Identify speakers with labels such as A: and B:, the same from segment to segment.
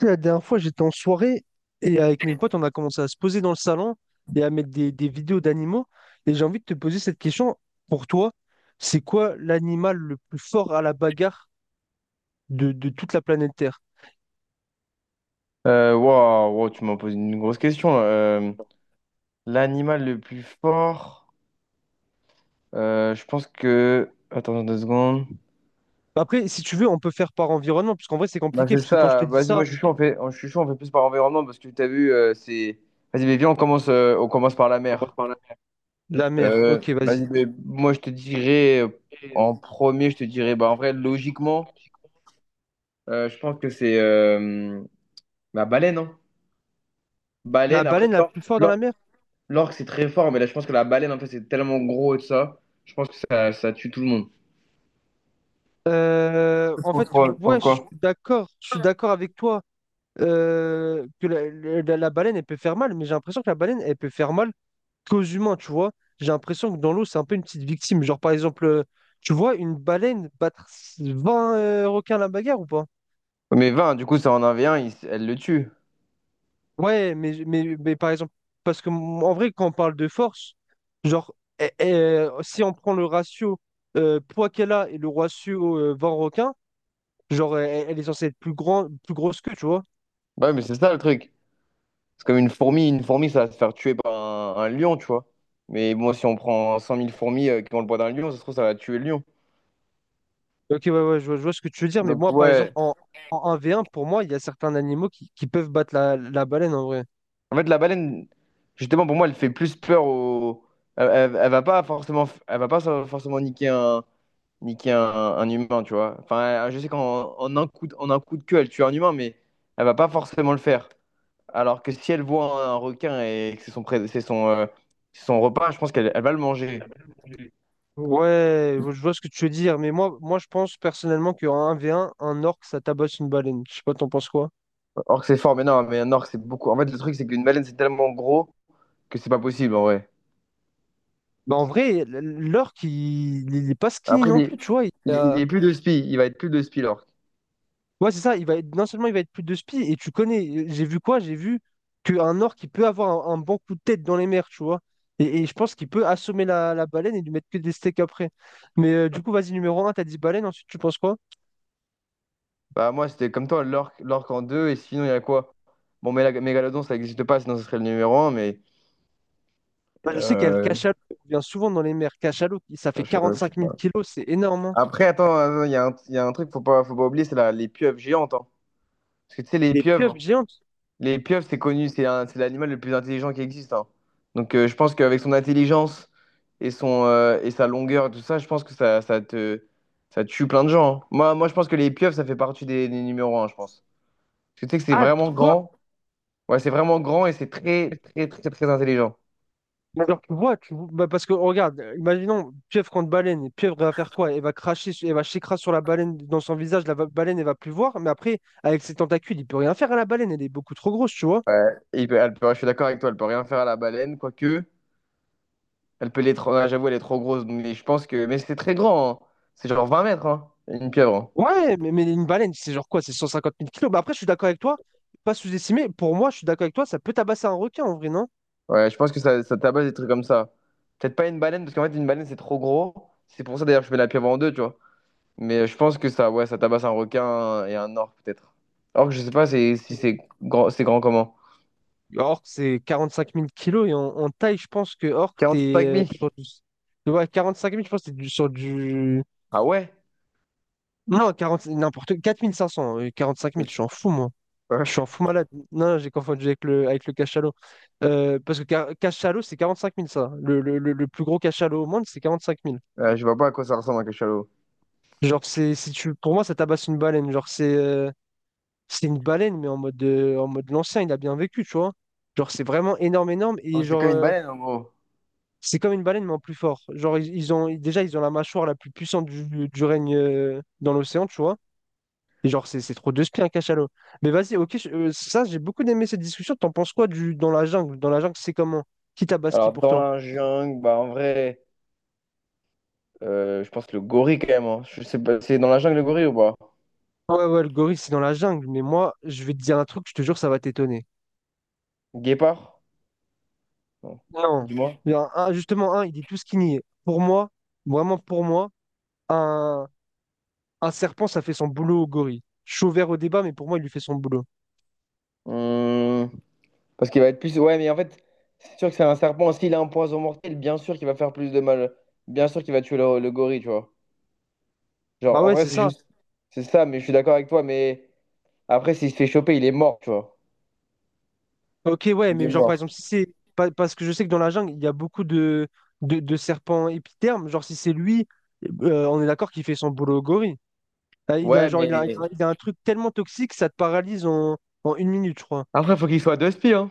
A: Sais, la dernière fois, j'étais en soirée et avec mes potes, on a commencé à se poser dans le salon et à mettre des vidéos d'animaux. Et j'ai envie de te poser cette question. Pour toi, c'est quoi l'animal le plus fort à la bagarre de toute la planète Terre?
B: Waouh, wow, tu m'as posé une grosse question. L'animal le plus fort, je pense que. Attends deux secondes.
A: Après, si tu veux, on peut faire par environnement, parce qu'en vrai, c'est
B: Bah,
A: compliqué,
B: c'est
A: parce que quand je te
B: ça.
A: dis
B: Vas-y,
A: ça,
B: moi je suis chaud, on fait, je suis chaud, on fait plus par environnement parce que tu as vu, c'est. Vas-y, mais viens, on commence par la mer.
A: la mer, ok,
B: Vas-y,
A: vas-y.
B: mais moi je te dirais, en premier, je te dirais, bah en vrai, logiquement, je pense que c'est la baleine, hein.
A: La
B: Baleine, après,
A: baleine la plus forte dans la
B: l'or-
A: mer?
B: l'orque, c'est très fort, mais là je pense que la baleine, en fait, c'est tellement gros et tout ça. Je pense que ça tue tout le monde.
A: Euh, en fait,
B: Contrôle,
A: ouais,
B: pourquoi?
A: je suis d'accord avec toi, que la baleine, elle peut faire mal, mais j'ai l'impression que la baleine, elle peut faire mal qu'aux humains, tu vois. J'ai l'impression que dans l'eau, c'est un peu une petite victime. Genre, par exemple, tu vois une baleine battre 20 requins à la bagarre ou pas?
B: Mais 20, du coup, c'est en 1v1, elle le tue.
A: Ouais, mais par exemple, parce que en vrai, quand on parle de force, genre, si on prend le ratio, poids qu'elle a et le ratio, 20 requins, genre, elle est censée être plus grand, plus grosse que, tu vois.
B: Bah ouais, mais c'est ça le truc. C'est comme une fourmi, ça va se faire tuer par un lion, tu vois. Mais bon, si on prend 100 000 fourmis qui ont le poids d'un lion, ça se trouve, ça va tuer le lion.
A: Ok, ouais, ouais, je vois ce que tu veux dire, mais
B: Donc,
A: moi, par exemple,
B: ouais.
A: en 1 v un, pour moi, il y a certains animaux qui peuvent battre la baleine en vrai.
B: En fait, la baleine, justement, pour moi, elle fait plus peur au. Elle va pas forcément, elle va pas so, forcément niquer un humain, tu vois. Enfin, je sais qu'en en un coup de, en un coup de queue, elle tue un humain, mais elle va pas forcément le faire. Alors que si elle voit un requin et que c'est son, c'est son, c'est son repas, je pense qu'elle elle va le manger.
A: Ouais, je vois ce que tu veux dire, mais moi je pense personnellement qu'en un v un orque, ça tabasse une baleine. Je sais pas, t'en penses quoi?
B: Orque c'est fort, mais non, mais un orque c'est beaucoup. En fait, le truc c'est qu'une baleine c'est tellement gros que c'est pas possible en vrai.
A: Bah, en vrai, l'orque, il est pas skinny
B: Après,
A: non plus, tu vois.
B: il est plus de spi, il va être plus de spi l'orque.
A: Ouais, c'est ça, non seulement il va être plus de spi, et tu connais, j'ai vu quoi? J'ai vu qu'un orque, il peut avoir un bon coup de tête dans les mers, tu vois. Et je pense qu'il peut assommer la baleine et lui mettre que des steaks après. Mais, du coup, vas-y, numéro un t'as dit baleine, ensuite tu penses quoi?
B: Bah, moi c'était comme toi, l'orque en deux, et sinon il y a quoi? Bon, mais la mégalodon ça n'existe pas, sinon ce serait le numéro un, mais.
A: Moi, je sais qu'il y a le
B: euh,
A: cachalot, qui vient souvent dans les mers. Cachalot, ça fait quarante
B: je sais
A: cinq mille
B: pas.
A: kilos, c'est énorme, hein.
B: Après, attends, il y a un truc faut pas oublier, c'est les pieuvres géantes, hein. Parce que tu sais, les
A: Des pieuvres
B: pieuvres.
A: géantes.
B: Les pieuvres, c'est connu, c'est l'animal le plus intelligent qui existe, hein. Donc je pense qu'avec son intelligence et, et sa longueur, tout ça, je pense que ça, ça tue plein de gens, hein. Moi, je pense que les pieuvres, ça fait partie des numéros un, je pense. Parce que tu sais que c'est
A: Ah, pour
B: vraiment
A: toi?
B: grand. Ouais, c'est vraiment grand et c'est très, très, très, très intelligent.
A: Mais genre, bah, parce que regarde, imaginons pieuvre contre baleine, et pieuvre elle va faire quoi? Elle va cracher, elle va s'écraser sur la baleine dans son visage, baleine elle va plus voir, mais après, avec ses tentacules, il peut rien faire à la baleine, elle est beaucoup trop grosse, tu vois.
B: Ouais. Et je suis d'accord avec toi, elle peut rien faire à la baleine, quoique. Elle peut l'être. Ah, j'avoue, elle est trop grosse. Mais je pense que. Mais c'est très grand, hein. C'est genre 20 mètres, hein, une pieuvre, hein.
A: Ouais, mais une baleine, c'est genre quoi? C'est 150 000 kilos. Mais après, je suis d'accord avec toi, pas sous-estimé, pour moi, je suis d'accord avec toi, ça peut tabasser un requin en vrai, non?
B: Ouais, je pense que ça tabasse des trucs comme ça. Peut-être pas une baleine, parce qu'en fait, une baleine, c'est trop gros. C'est pour ça, d'ailleurs, que je mets la pieuvre en deux, tu vois. Mais je pense que ça, ouais, ça tabasse un requin et un orque, peut-être. Or que je sais pas si c'est grand, c'est grand comment.
A: Orc, c'est 45 000 kilos, et en taille, je pense que orc,
B: Quarante
A: t'es,
B: cinq mille.
A: sur du. Ouais, 45 000, je pense que t'es sur du.
B: Ah ouais?
A: Non, 40 n'importe, 4 500, 5 000. Je suis en fou, moi. Je suis en
B: Ouais.
A: fou malade. Non, j'ai confondu avec le, cachalot. Parce que cachalot, c'est 45 000 ça. Le plus gros cachalot au monde, c'est 45 000.
B: Je vois pas à quoi ça ressemble un cachalot.
A: Genre, c'est, si tu, pour moi, ça tabasse une baleine. Genre, c'est, c'est une baleine, mais en mode l'ancien, il a bien vécu, tu vois. Genre, c'est vraiment énorme, énorme.
B: Oh,
A: Et
B: c'est
A: genre,
B: comme une baleine, en gros.
A: c'est comme une baleine, mais en plus fort. Genre, ils ont, déjà, ils ont la mâchoire la plus puissante du règne, dans l'océan, tu vois. Et genre, c'est trop de spi un cachalot. Mais vas-y, ok, ça, j'ai beaucoup aimé cette discussion. T'en penses quoi du dans la jungle? Dans la jungle, c'est comment? Qui tabaski
B: Alors,
A: pour
B: dans
A: toi?
B: la jungle, bah, en vrai, je pense le gorille, quand même, hein. Je sais pas, c'est dans la jungle, le gorille, ou pas?
A: Ouais, ouais, le gorille, c'est dans la jungle. Mais moi, je vais te dire un truc, je te jure, ça va t'étonner.
B: Guépard? Non.
A: Non.
B: Dis-moi.
A: Il y a justement, un, il dit tout ce qu'il nie. Pour moi, vraiment pour moi, un, un serpent, ça fait son boulot au gorille. Je suis ouvert au débat, mais pour moi, il lui fait son boulot.
B: Hum, Parce qu'il va être plus. Ouais, mais en fait, c'est sûr que c'est un serpent. S'il a un poison mortel, bien sûr qu'il va faire plus de mal. Bien sûr qu'il va tuer le gorille, tu vois.
A: Bah
B: Genre, en
A: ouais,
B: vrai,
A: c'est
B: c'est
A: ça.
B: juste. C'est ça, mais je suis d'accord avec toi. Mais après, s'il se fait choper, il est mort, tu vois.
A: Ok, ouais,
B: Il est
A: mais genre par
B: mort.
A: exemple, si c'est. Pa- parce que je sais que dans la jungle, il y a beaucoup de serpents épithermes. Genre, si c'est lui, on est d'accord qu'il fait son boulot au gorille. Ah, il a,
B: Ouais,
A: genre, il a, il
B: mais.
A: a- il a un truc tellement toxique, ça te paralyse en une minute, je crois.
B: Après, faut qu'il soit deux spies, hein.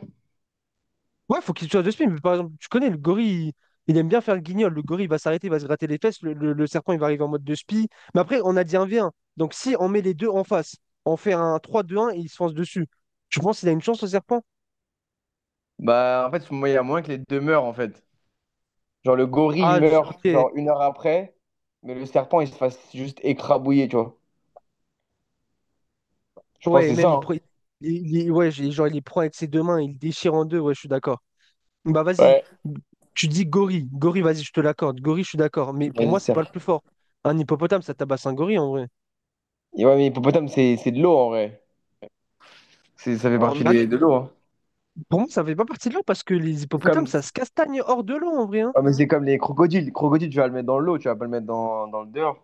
A: Ouais, faut qu'il soit de spin. Mais par exemple, tu connais le gorille, il aime bien faire le guignol. Le gorille il va s'arrêter, il va se gratter les fesses. Le serpent, il va arriver en mode de spi. Mais après, on a dit un v 1. Donc, si on met les deux en face, on fait un 3, 2, 1 et il se fonce dessus, tu penses qu'il a une chance au serpent?
B: Bah, en fait, il y a moyen que les deux meurent, en fait. Genre, le gorille, il
A: Ah,
B: meurt,
A: ok.
B: genre, une heure après. Mais le serpent, il se fasse juste écrabouiller, tu vois. Je pense
A: Ouais, et
B: que c'est
A: même
B: ça,
A: il,
B: hein.
A: pre- il- ouais, genre, il les prend avec ses deux mains, il les déchire en deux, ouais, je suis d'accord. Bah vas-y,
B: Ouais.
A: tu dis gorille, gorille, vas-y, je te l'accorde, gorille, je suis d'accord, mais pour
B: Vas-y,
A: moi, c'est pas le
B: serpent.
A: plus fort. Un hippopotame, ça tabasse un gorille en vrai.
B: Et ouais, mais hippopotame, c'est de l'eau, en vrai. Ça fait
A: Alors,
B: partie
A: bah,
B: des, de l'eau, hein.
A: pour moi, ça fait pas partie de l'eau parce que les
B: C'est
A: hippopotames,
B: comme.
A: ça se castagne hors de l'eau en vrai, hein.
B: Ouais, mais c'est comme les crocodiles. Le crocodile, tu vas le mettre dans l'eau, tu vas pas le mettre dans, dans le dehors.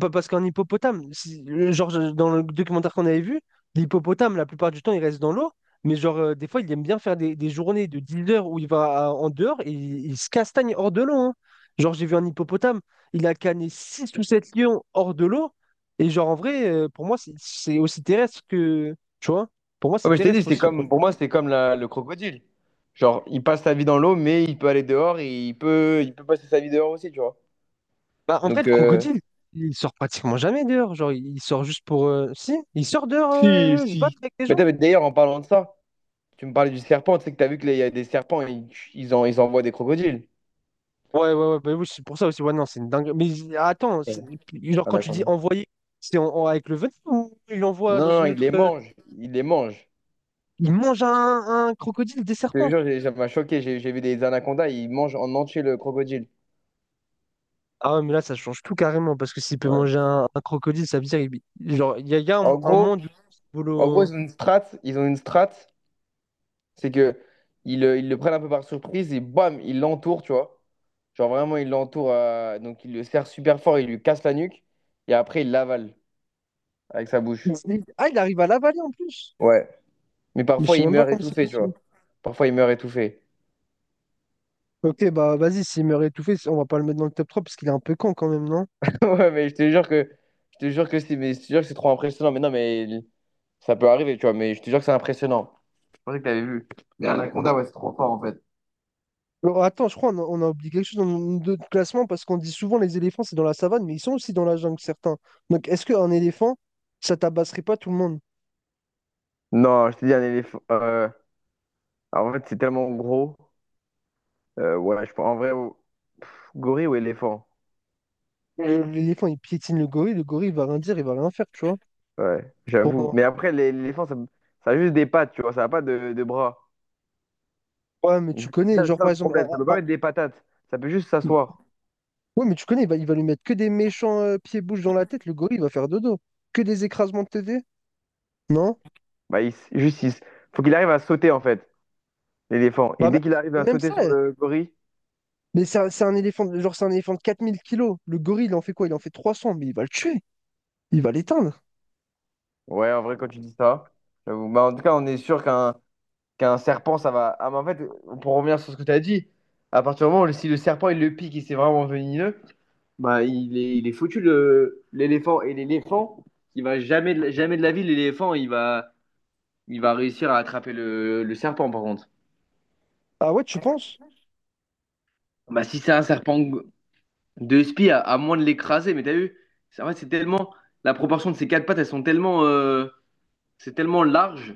A: Pas parce qu'un hippopotame, dans le documentaire qu'on avait vu, l'hippopotame, la plupart du temps, il reste dans l'eau, mais genre, des fois, il aime bien faire des journées de 10 heures où il va en dehors et il se castagne hors de l'eau, hein. Genre, j'ai vu un hippopotame, il a canné 6 ou 7 lions hors de l'eau, et genre en vrai, pour moi, c'est aussi terrestre que. Tu vois? Pour moi,
B: Ouais,
A: c'est
B: mais je t'ai dit,
A: terrestre
B: c'était
A: aussi, en vrai.
B: comme, pour moi, c'était comme le crocodile. Genre, il passe sa vie dans l'eau, mais il peut aller dehors et il peut passer sa vie dehors aussi, tu vois.
A: Bah, en vrai,
B: Donc,
A: le crocodile, il sort pratiquement jamais dehors. Genre, il sort juste pour. Si, il sort dehors, se battre
B: si.
A: avec les
B: Mais
A: gens.
B: mais d'ailleurs, en parlant de ça, tu me parlais du serpent, tu sais que t'as vu qu'il y a des serpents, en, ils envoient des crocodiles.
A: Ouais, ouais, ouais, bah oui, c'est pour ça aussi. Ouais, non, c'est une dingue. Mais attends,
B: Ouais.
A: genre quand tu dis
B: Anaconda.
A: envoyer, c'est avec le venin ou il envoie
B: Non,
A: dans
B: non,
A: une
B: ils
A: autre.
B: les
A: euh,
B: mangent. Ils les mangent.
A: Il mange un crocodile, des
B: Je te
A: serpents.
B: jure, ça m'a choqué. J'ai vu des anacondas, ils mangent en entier le crocodile.
A: Ah ouais, mais là, ça change tout carrément parce que s'il peut
B: Ouais.
A: manger un crocodile, ça veut dire. Genre, il y a
B: En
A: un
B: gros,
A: monde où il vole
B: en gros, ils ont une strat. C'est que ils le prennent un peu par surprise et bam, il l'entoure, tu vois. Genre vraiment, il l'entoure, donc il le serre super fort, il lui casse la nuque et après, il l'avale avec sa bouche.
A: ah, il arrive à l'avaler en plus.
B: Ouais. Mais
A: Mais je
B: parfois,
A: sais
B: il
A: même pas
B: meurt
A: comment c'est
B: étouffé, tu
A: possible.
B: vois. Parfois, il meurt étouffé.
A: Ok, bah vas-y, s'il meurt étouffé, on va pas le mettre dans le top 3 parce qu'il est un peu con quand même, non?
B: Ouais, mais je te jure que c'est mais je te jure que c'est trop impressionnant. Mais non, ça peut arriver, tu vois. Mais je te jure que c'est impressionnant. Je pensais que t'avais vu. Mais un Anaconda, ouais, c'est trop fort en fait.
A: Alors, attends, je crois qu'on a oublié quelque chose dans notre classement parce qu'on dit souvent les éléphants, c'est dans la savane, mais ils sont aussi dans la jungle, certains. Donc, est-ce qu'un éléphant, ça tabasserait pas tout le monde?
B: Non, je te dis un éléphant. Alors, en fait, c'est tellement gros. Ouais, je pense en vrai, gorille ou éléphant?
A: L'éléphant, il piétine le gorille, il va rien dire, il va rien faire, tu vois,
B: Ouais,
A: pour
B: j'avoue.
A: moi.
B: Mais après, l'éléphant, ça a juste des pattes, tu vois, ça n'a pas de, de bras.
A: Ouais, mais tu
B: Donc,
A: connais,
B: c'est
A: genre
B: ça
A: par
B: le
A: exemple,
B: problème, ça peut pas mettre des patates, ça peut juste
A: un-
B: s'asseoir.
A: ouais, mais tu connais, il va lui mettre que des méchants, pieds-bouches dans la tête, le gorille, il va faire dodo. Que des écrasements de TD? Non?
B: Bah, juste, faut qu'il arrive à sauter, en fait, l'éléphant. Et
A: Bah, même,
B: dès qu'il arrive à
A: même
B: sauter
A: ça,
B: sur le gorille,
A: mais c'est un éléphant de 4 000 kilos. Le gorille, il en fait quoi? Il en fait 300, mais il va le tuer. Il va l'éteindre.
B: ouais, en vrai, quand tu dis ça, j'avoue. Bah, en tout cas, on est sûr qu'un serpent, ça va. Ah, mais en fait, pour revenir sur ce que tu as dit, à partir du moment où si le serpent, il le pique et c'est vraiment venimeux, bah, il est foutu, l'éléphant. Et l'éléphant, il va jamais, jamais de la vie, l'éléphant, il va. Il va réussir à attraper le serpent, par contre.
A: Ah ouais, tu penses?
B: Bah, si c'est un serpent de spi, à moins de l'écraser, mais t'as vu? C'est- en fait, c'est tellement. La proportion de ses quatre pattes, elles sont tellement. C'est tellement large.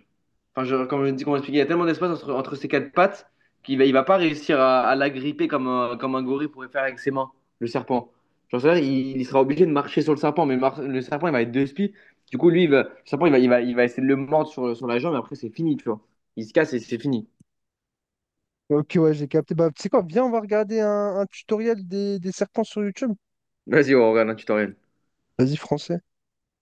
B: Enfin, comme je dis, comment expliquer, il y a tellement d'espace entre, entre ses quatre pattes qu'il va, il va pas réussir à la gripper comme un gorille pourrait faire avec ses mains, le serpent. Genre, c'est-à-dire, il sera obligé de marcher sur le serpent, mais le serpent, il va être deux spies. Du coup, le serpent, il va essayer de le mordre sur, sur la jambe, et après, c'est fini, tu vois. Il se casse et c'est fini.
A: Ok, ouais, j'ai capté. Bah, tu sais quoi, viens, on va regarder un tutoriel des serpents sur YouTube.
B: Vas-y, on regarde, tu t'en
A: Vas-y, français.